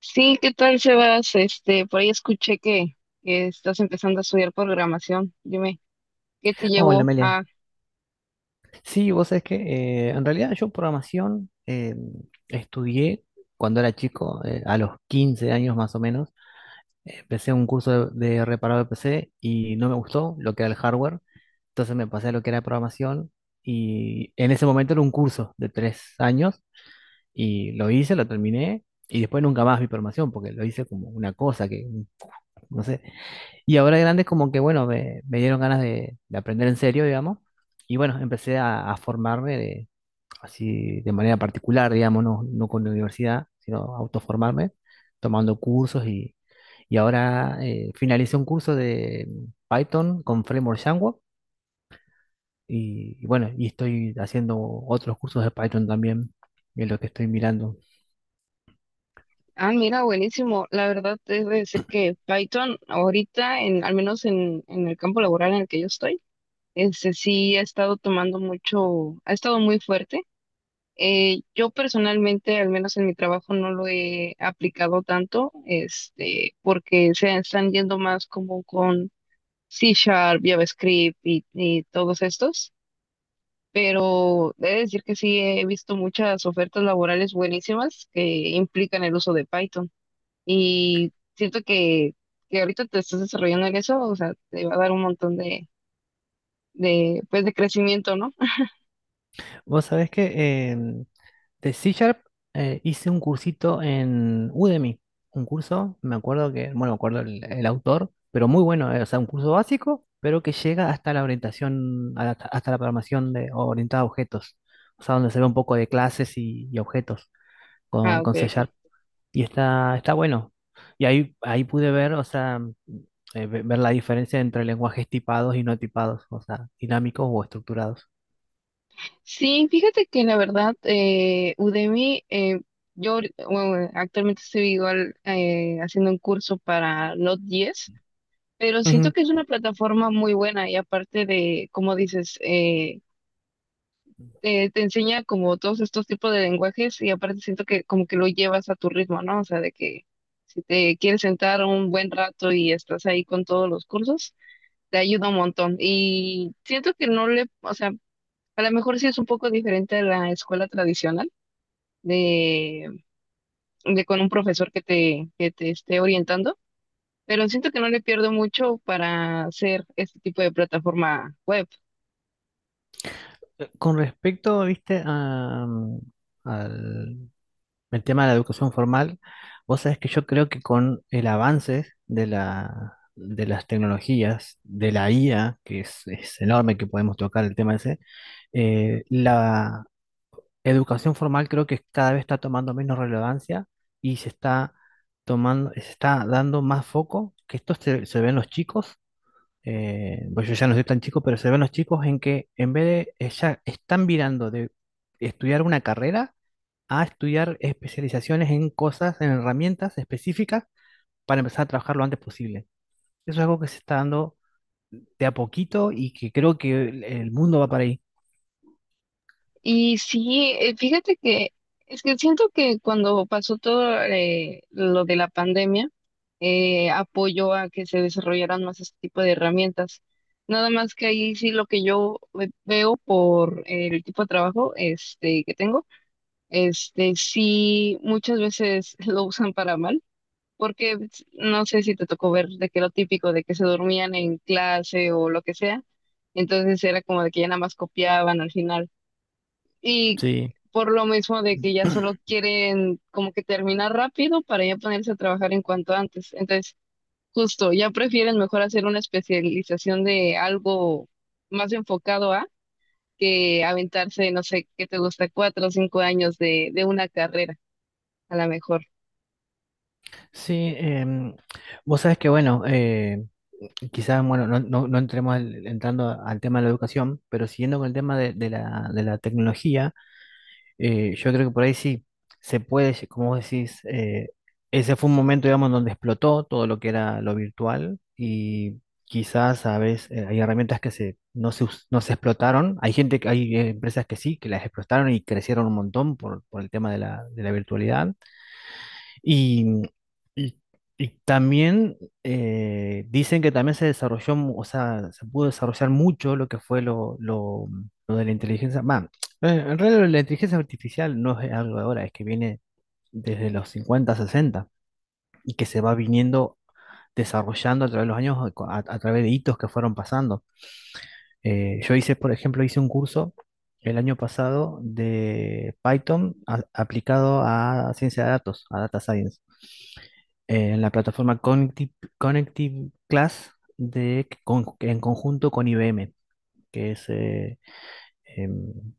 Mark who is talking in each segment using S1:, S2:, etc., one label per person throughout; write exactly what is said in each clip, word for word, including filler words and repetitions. S1: Sí, ¿qué tal, Sebas? Este, por ahí escuché que, que estás empezando a estudiar programación. Dime, ¿qué te
S2: Hola,
S1: llevó
S2: Melian.
S1: a...
S2: Sí, vos sabés que eh, en realidad yo programación eh, estudié cuando era chico, eh, a los quince años más o menos. Empecé un curso de, de reparado de P C y no me gustó lo que era el hardware. Entonces me pasé a lo que era programación y en ese momento era un curso de tres años y lo hice, lo terminé y después nunca más vi programación porque lo hice como una cosa que, no sé. Y ahora de grande como que, bueno, me, me dieron ganas de, de aprender en serio, digamos. Y bueno, empecé a, a formarme de, así de manera particular, digamos, no, no con la universidad, sino autoformarme, tomando cursos y, y ahora eh, finalicé un curso de Python con Framework Django y, y bueno, y estoy haciendo otros cursos de Python también, en lo que estoy mirando.
S1: Ah, mira, buenísimo. La verdad, te debo decir que Python ahorita, en, al menos en, en el campo laboral en el que yo estoy, este, sí ha estado tomando mucho, ha estado muy fuerte. Eh, yo personalmente, al menos en mi trabajo, no lo he aplicado tanto, este, porque se están yendo más como con C Sharp, JavaScript y y todos estos. Pero he de decir que sí he visto muchas ofertas laborales buenísimas que implican el uso de Python y siento que, que ahorita te estás desarrollando en eso, o sea, te va a dar un montón de, de, pues, de crecimiento, ¿no?
S2: Vos sabés que em, de C Sharp eh, hice un cursito en Udemy. Un curso, me acuerdo que, bueno, me acuerdo el, el autor, pero muy bueno. Eh, o sea, un curso básico, pero que llega hasta la orientación, a- la- hasta la programación de, orientada a objetos. O sea, donde se ve un poco de clases y, y objetos con,
S1: Ah, ok,
S2: con C
S1: ok.
S2: Sharp. Y está, está bueno. Y ahí, ahí pude ver, o sea, eh, ve- ver la diferencia entre lenguajes tipados y no tipados, o sea, dinámicos o estructurados.
S1: Sí, fíjate que la verdad, eh, Udemy, eh, yo ahori- bueno, actualmente estoy igual eh, haciendo un curso para Node.js, pero siento que es una plataforma muy buena y aparte de, como dices, eh, eh, te enseña como todos estos tipos de lenguajes y aparte siento que como que lo llevas a tu ritmo, ¿no? O sea, de que si te quieres sentar un buen rato y estás ahí con todos los cursos, te ayuda un montón. Y siento que no le, o sea, a lo mejor sí es un poco diferente a la escuela tradicional de, de con un profesor que te, que te esté orientando, pero siento que no le pierdo mucho para hacer este tipo de plataforma web.
S2: Con respecto, viste, a, mm, al el tema de la educación formal, vos sabés que yo creo que con el avance de la, de las tecnologías, de la I A, que es, es enorme que podemos tocar el tema ese, eh, la educación formal creo que cada vez está tomando menos relevancia y se está tomando, se está dando más foco, que esto se, se ve en los chicos, eh, pues yo ya no soy tan chico, pero se ven los chicos en que en vez de ella están virando de estudiar una carrera a estudiar especializaciones en cosas, en herramientas específicas para empezar a trabajar lo antes posible. Eso es algo que se está dando de a poquito y que creo que el el mundo va para ahí.
S1: Y sí, eh, fíjate que es que siento que cuando pasó todo eh, lo de la pandemia, eh, apoyó a que se desarrollaran más este tipo de herramientas. Nada más que ahí sí lo que yo ve- veo por eh, el tipo de trabajo este, que tengo, este, sí muchas veces lo usan para mal, porque pues, no sé si te tocó ver de que lo típico de que se dormían en clase o lo que sea, entonces era como de que ya nada más copiaban al final. Y
S2: Sí,
S1: por lo mismo de que ya solo quieren como que terminar rápido para ya ponerse a trabajar en cuanto antes. Entonces, justo, ya prefieren mejor hacer una especialización de algo más enfocado a que aventarse, no sé, qué te gusta, cuatro o cinco años de, de una carrera, a lo mejor.
S2: sí, em, vos sabés que bueno, eh, quizás bueno, no, no- no entremos al- entrando al tema de la educación, pero siguiendo con el tema de, de la, de la tecnología. Eh, yo creo que por ahí sí se puede, lle- como vos decís, eh, ese fue un momento, digamos, donde explotó todo lo que era lo virtual y quizás a veces eh, hay herramientas que se, no se, us- no se explotaron. Hay gente, que- hay eh, empresas que sí, que las explotaron y crecieron un montón por, por el tema de la, de la virtualidad. Y, y, y también eh, dicen que también se desarrolló, mu- o sea, se pudo desarrollar mucho lo que fue lo, lo, lo de la inteligencia. Bah, eh, en realidad la inteligencia artificial no es algo de ahora, es que viene desde los cincuenta sesenta y que se va viniendo desarrollando a través de los años, a, a través de hitos que fueron pasando. Eh, yo hice, por ejemplo, hice un curso el año pasado de Python a- aplicado a ciencia de datos, a data science, eh, en la plataforma Connective, Connective Class de, con- en conjunto con I B M, que es, eh, em,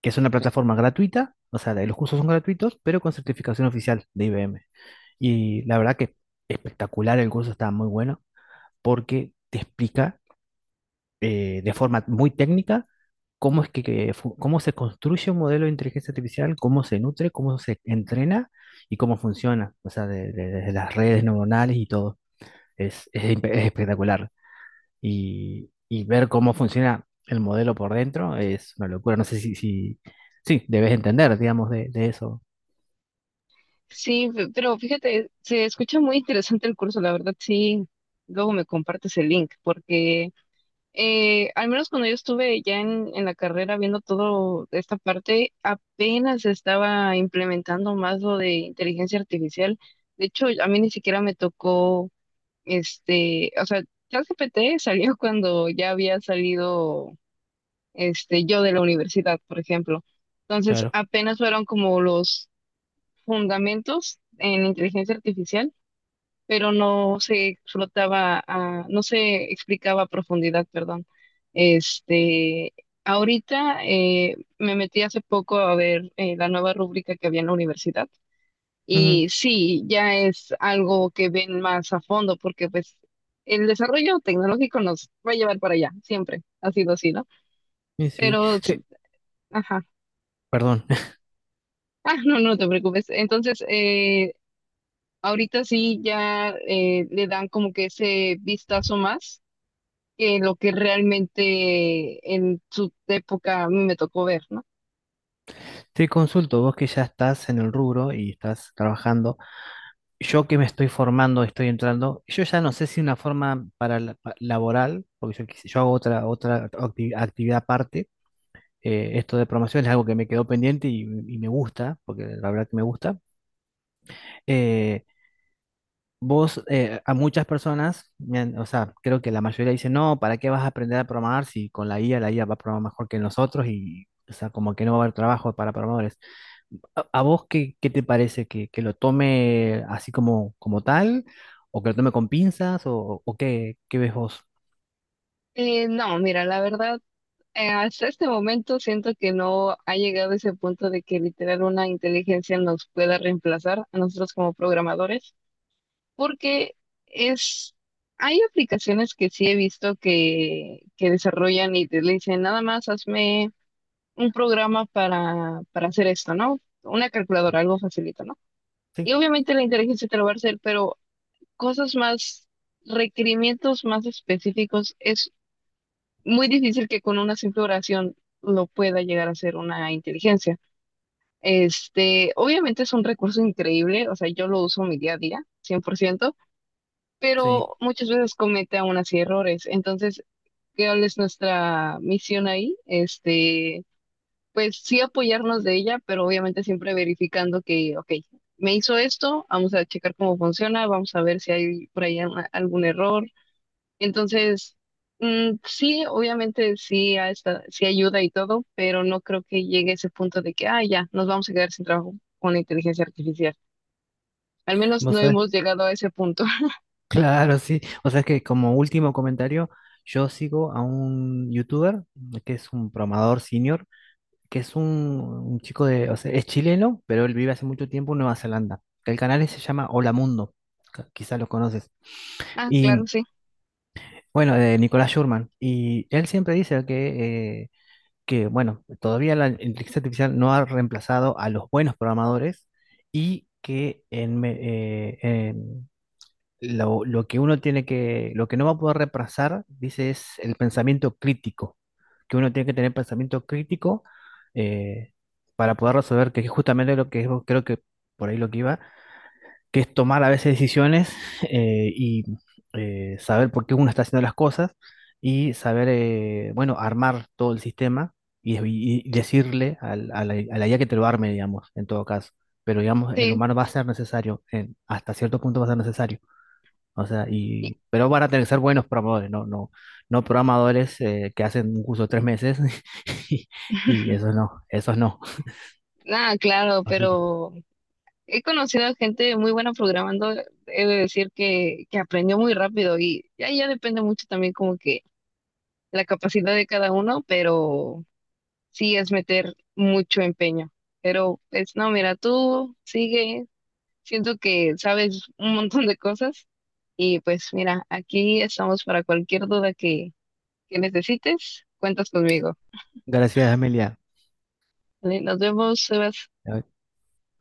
S2: que es una plataforma gratuita, o sea, los cursos son gratuitos, pero con certificación oficial de I B M. Y la verdad que espectacular, el curso está muy bueno porque te explica eh, de forma muy técnica cómo es que, que fu- cómo se construye un modelo de inteligencia artificial, cómo se nutre, cómo se entrena y cómo funciona, o sea, de- de- desde las redes neuronales y todo. Es, es impe- es espectacular. Y, y ver cómo funciona el modelo por dentro es una locura. No sé si, si sí, debes entender, digamos, de, de eso.
S1: Sí, fe- pero fíjate, se escucha muy interesante el curso, la verdad, sí. Luego me compartes el link, porque eh, al menos cuando yo estuve ya en, en la carrera viendo todo esta parte, apenas se estaba implementando más lo de inteligencia artificial. De hecho, a mí ni siquiera me tocó, este, o sea, ChatGPT salió cuando ya había salido, este, yo de la universidad, por ejemplo. Entonces,
S2: Claro.
S1: apenas fueron como los fundamentos en inteligencia artificial, pero no se explotaba, a- no se explicaba a profundidad, perdón. Este, ahorita eh, me metí hace poco a ver eh, la nueva rúbrica que había en la universidad
S2: Ujú.
S1: y sí, ya es algo que ven más a fondo porque pues el desarrollo tecnológico nos va a llevar para allá, siempre ha sido así, ¿no?
S2: Y sí,
S1: Pero,
S2: sí,
S1: ajá,
S2: perdón.
S1: ah, no, no te preocupes. Entonces, eh, ahorita sí ya eh, le dan como que ese vistazo más que lo que realmente en su época a mí me tocó ver, ¿no?
S2: Te consulto, vos que ya estás en el rubro y estás trabajando. Yo que me estoy formando, estoy entrando, yo ya no sé si una forma para la- pa- laboral, porque yo, quise- yo hago otra, otra acti- actividad aparte, eh, esto de programación es algo que me quedó pendiente y, y me gusta, porque la verdad que me gusta. Eh, Vos, eh, a muchas personas, me han- o sea, creo que la mayoría dice, no, ¿para qué vas a aprender a programar si con la I A, la I A va a programar mejor que nosotros y, o sea, como que no va a haber trabajo para programadores? ¿A a vos qué, qué te parece? ¿Que, que lo tome así como, como tal? ¿O que lo tome con pinzas? ¿O, o qué, qué ves vos?
S1: Eh, no, mira, la verdad, eh, hasta este momento siento que no ha llegado a ese punto de que literal una inteligencia nos pueda reemplazar a nosotros como programadores, porque es, hay aplicaciones que sí he visto que, que desarrollan y te le dicen, nada más hazme un programa para, para hacer esto, ¿no? Una calculadora, algo facilito, ¿no?
S2: Sí,
S1: Y obviamente la inteligencia te lo va a hacer, pero cosas más, requerimientos más específicos, es muy difícil que con una simple oración lo pueda llegar a ser una inteligencia. Este, obviamente es un recurso increíble, o sea, yo lo uso mi día a día, cien por ciento,
S2: sí.
S1: pero muchas veces comete aún así errores. Entonces, ¿cuál es nuestra misión ahí? Este, pues sí apoyarnos de ella, pero obviamente siempre verificando que, ok, me hizo esto, vamos a checar cómo funciona, vamos a ver si hay por ahí alguna- algún error. Entonces, mm, sí, obviamente sí, a esta- sí ayuda y todo, pero no creo que llegue a ese punto de que, ah, ya, nos vamos a quedar sin trabajo con la inteligencia artificial. Al menos
S2: Vos
S1: no
S2: sabés.
S1: hemos llegado a ese punto.
S2: Claro, sí. O sea, es que como último comentario, yo sigo a un youtuber eh, que es un programador senior, que es un, un chico de, o sea, es chileno, pero él vive hace mucho tiempo en Nueva Zelanda. El canal se llama Hola Mundo, ca- quizás lo conoces.
S1: Ah, claro,
S2: Y
S1: sí,
S2: bueno, de Nicolás Schurman. Y él siempre dice que… eh, que, bueno, todavía la inteligencia artificial no ha reemplazado a los buenos programadores y que en me- eh, en lo, lo que uno tiene que, lo que no va a poder reemplazar, dice, es el pensamiento crítico, que uno tiene que tener pensamiento crítico eh, para poder resolver, que es justamente lo que es- creo que por ahí lo que iba, que es tomar a veces decisiones eh, y eh, saber por qué uno está haciendo las cosas y saber, eh, bueno, armar todo el sistema y, y decirle al, a la, a la I A que te lo arme, digamos, en todo caso. Pero, digamos, el
S1: sí.
S2: humano va a ser necesario, en- hasta cierto punto va a ser necesario. O sea,
S1: y-
S2: y, pero van a tener que ser buenos programadores, no, no, no programadores eh, que hacen un curso de tres meses y, y eso no, eso no.
S1: ah, claro,
S2: Así que,
S1: pero he conocido a gente muy buena programando, he de decir que, que aprendió muy rápido y ya, ya depende mucho también como que la capacidad de cada uno, pero sí es meter mucho empeño. Pero, pues no, mira, tú sigue. Siento que sabes un montón de cosas y pues mira, aquí estamos para cualquier duda que, que necesites, cuentas conmigo.
S2: gracias, Amelia.
S1: Vale, nos vemos, Sebas.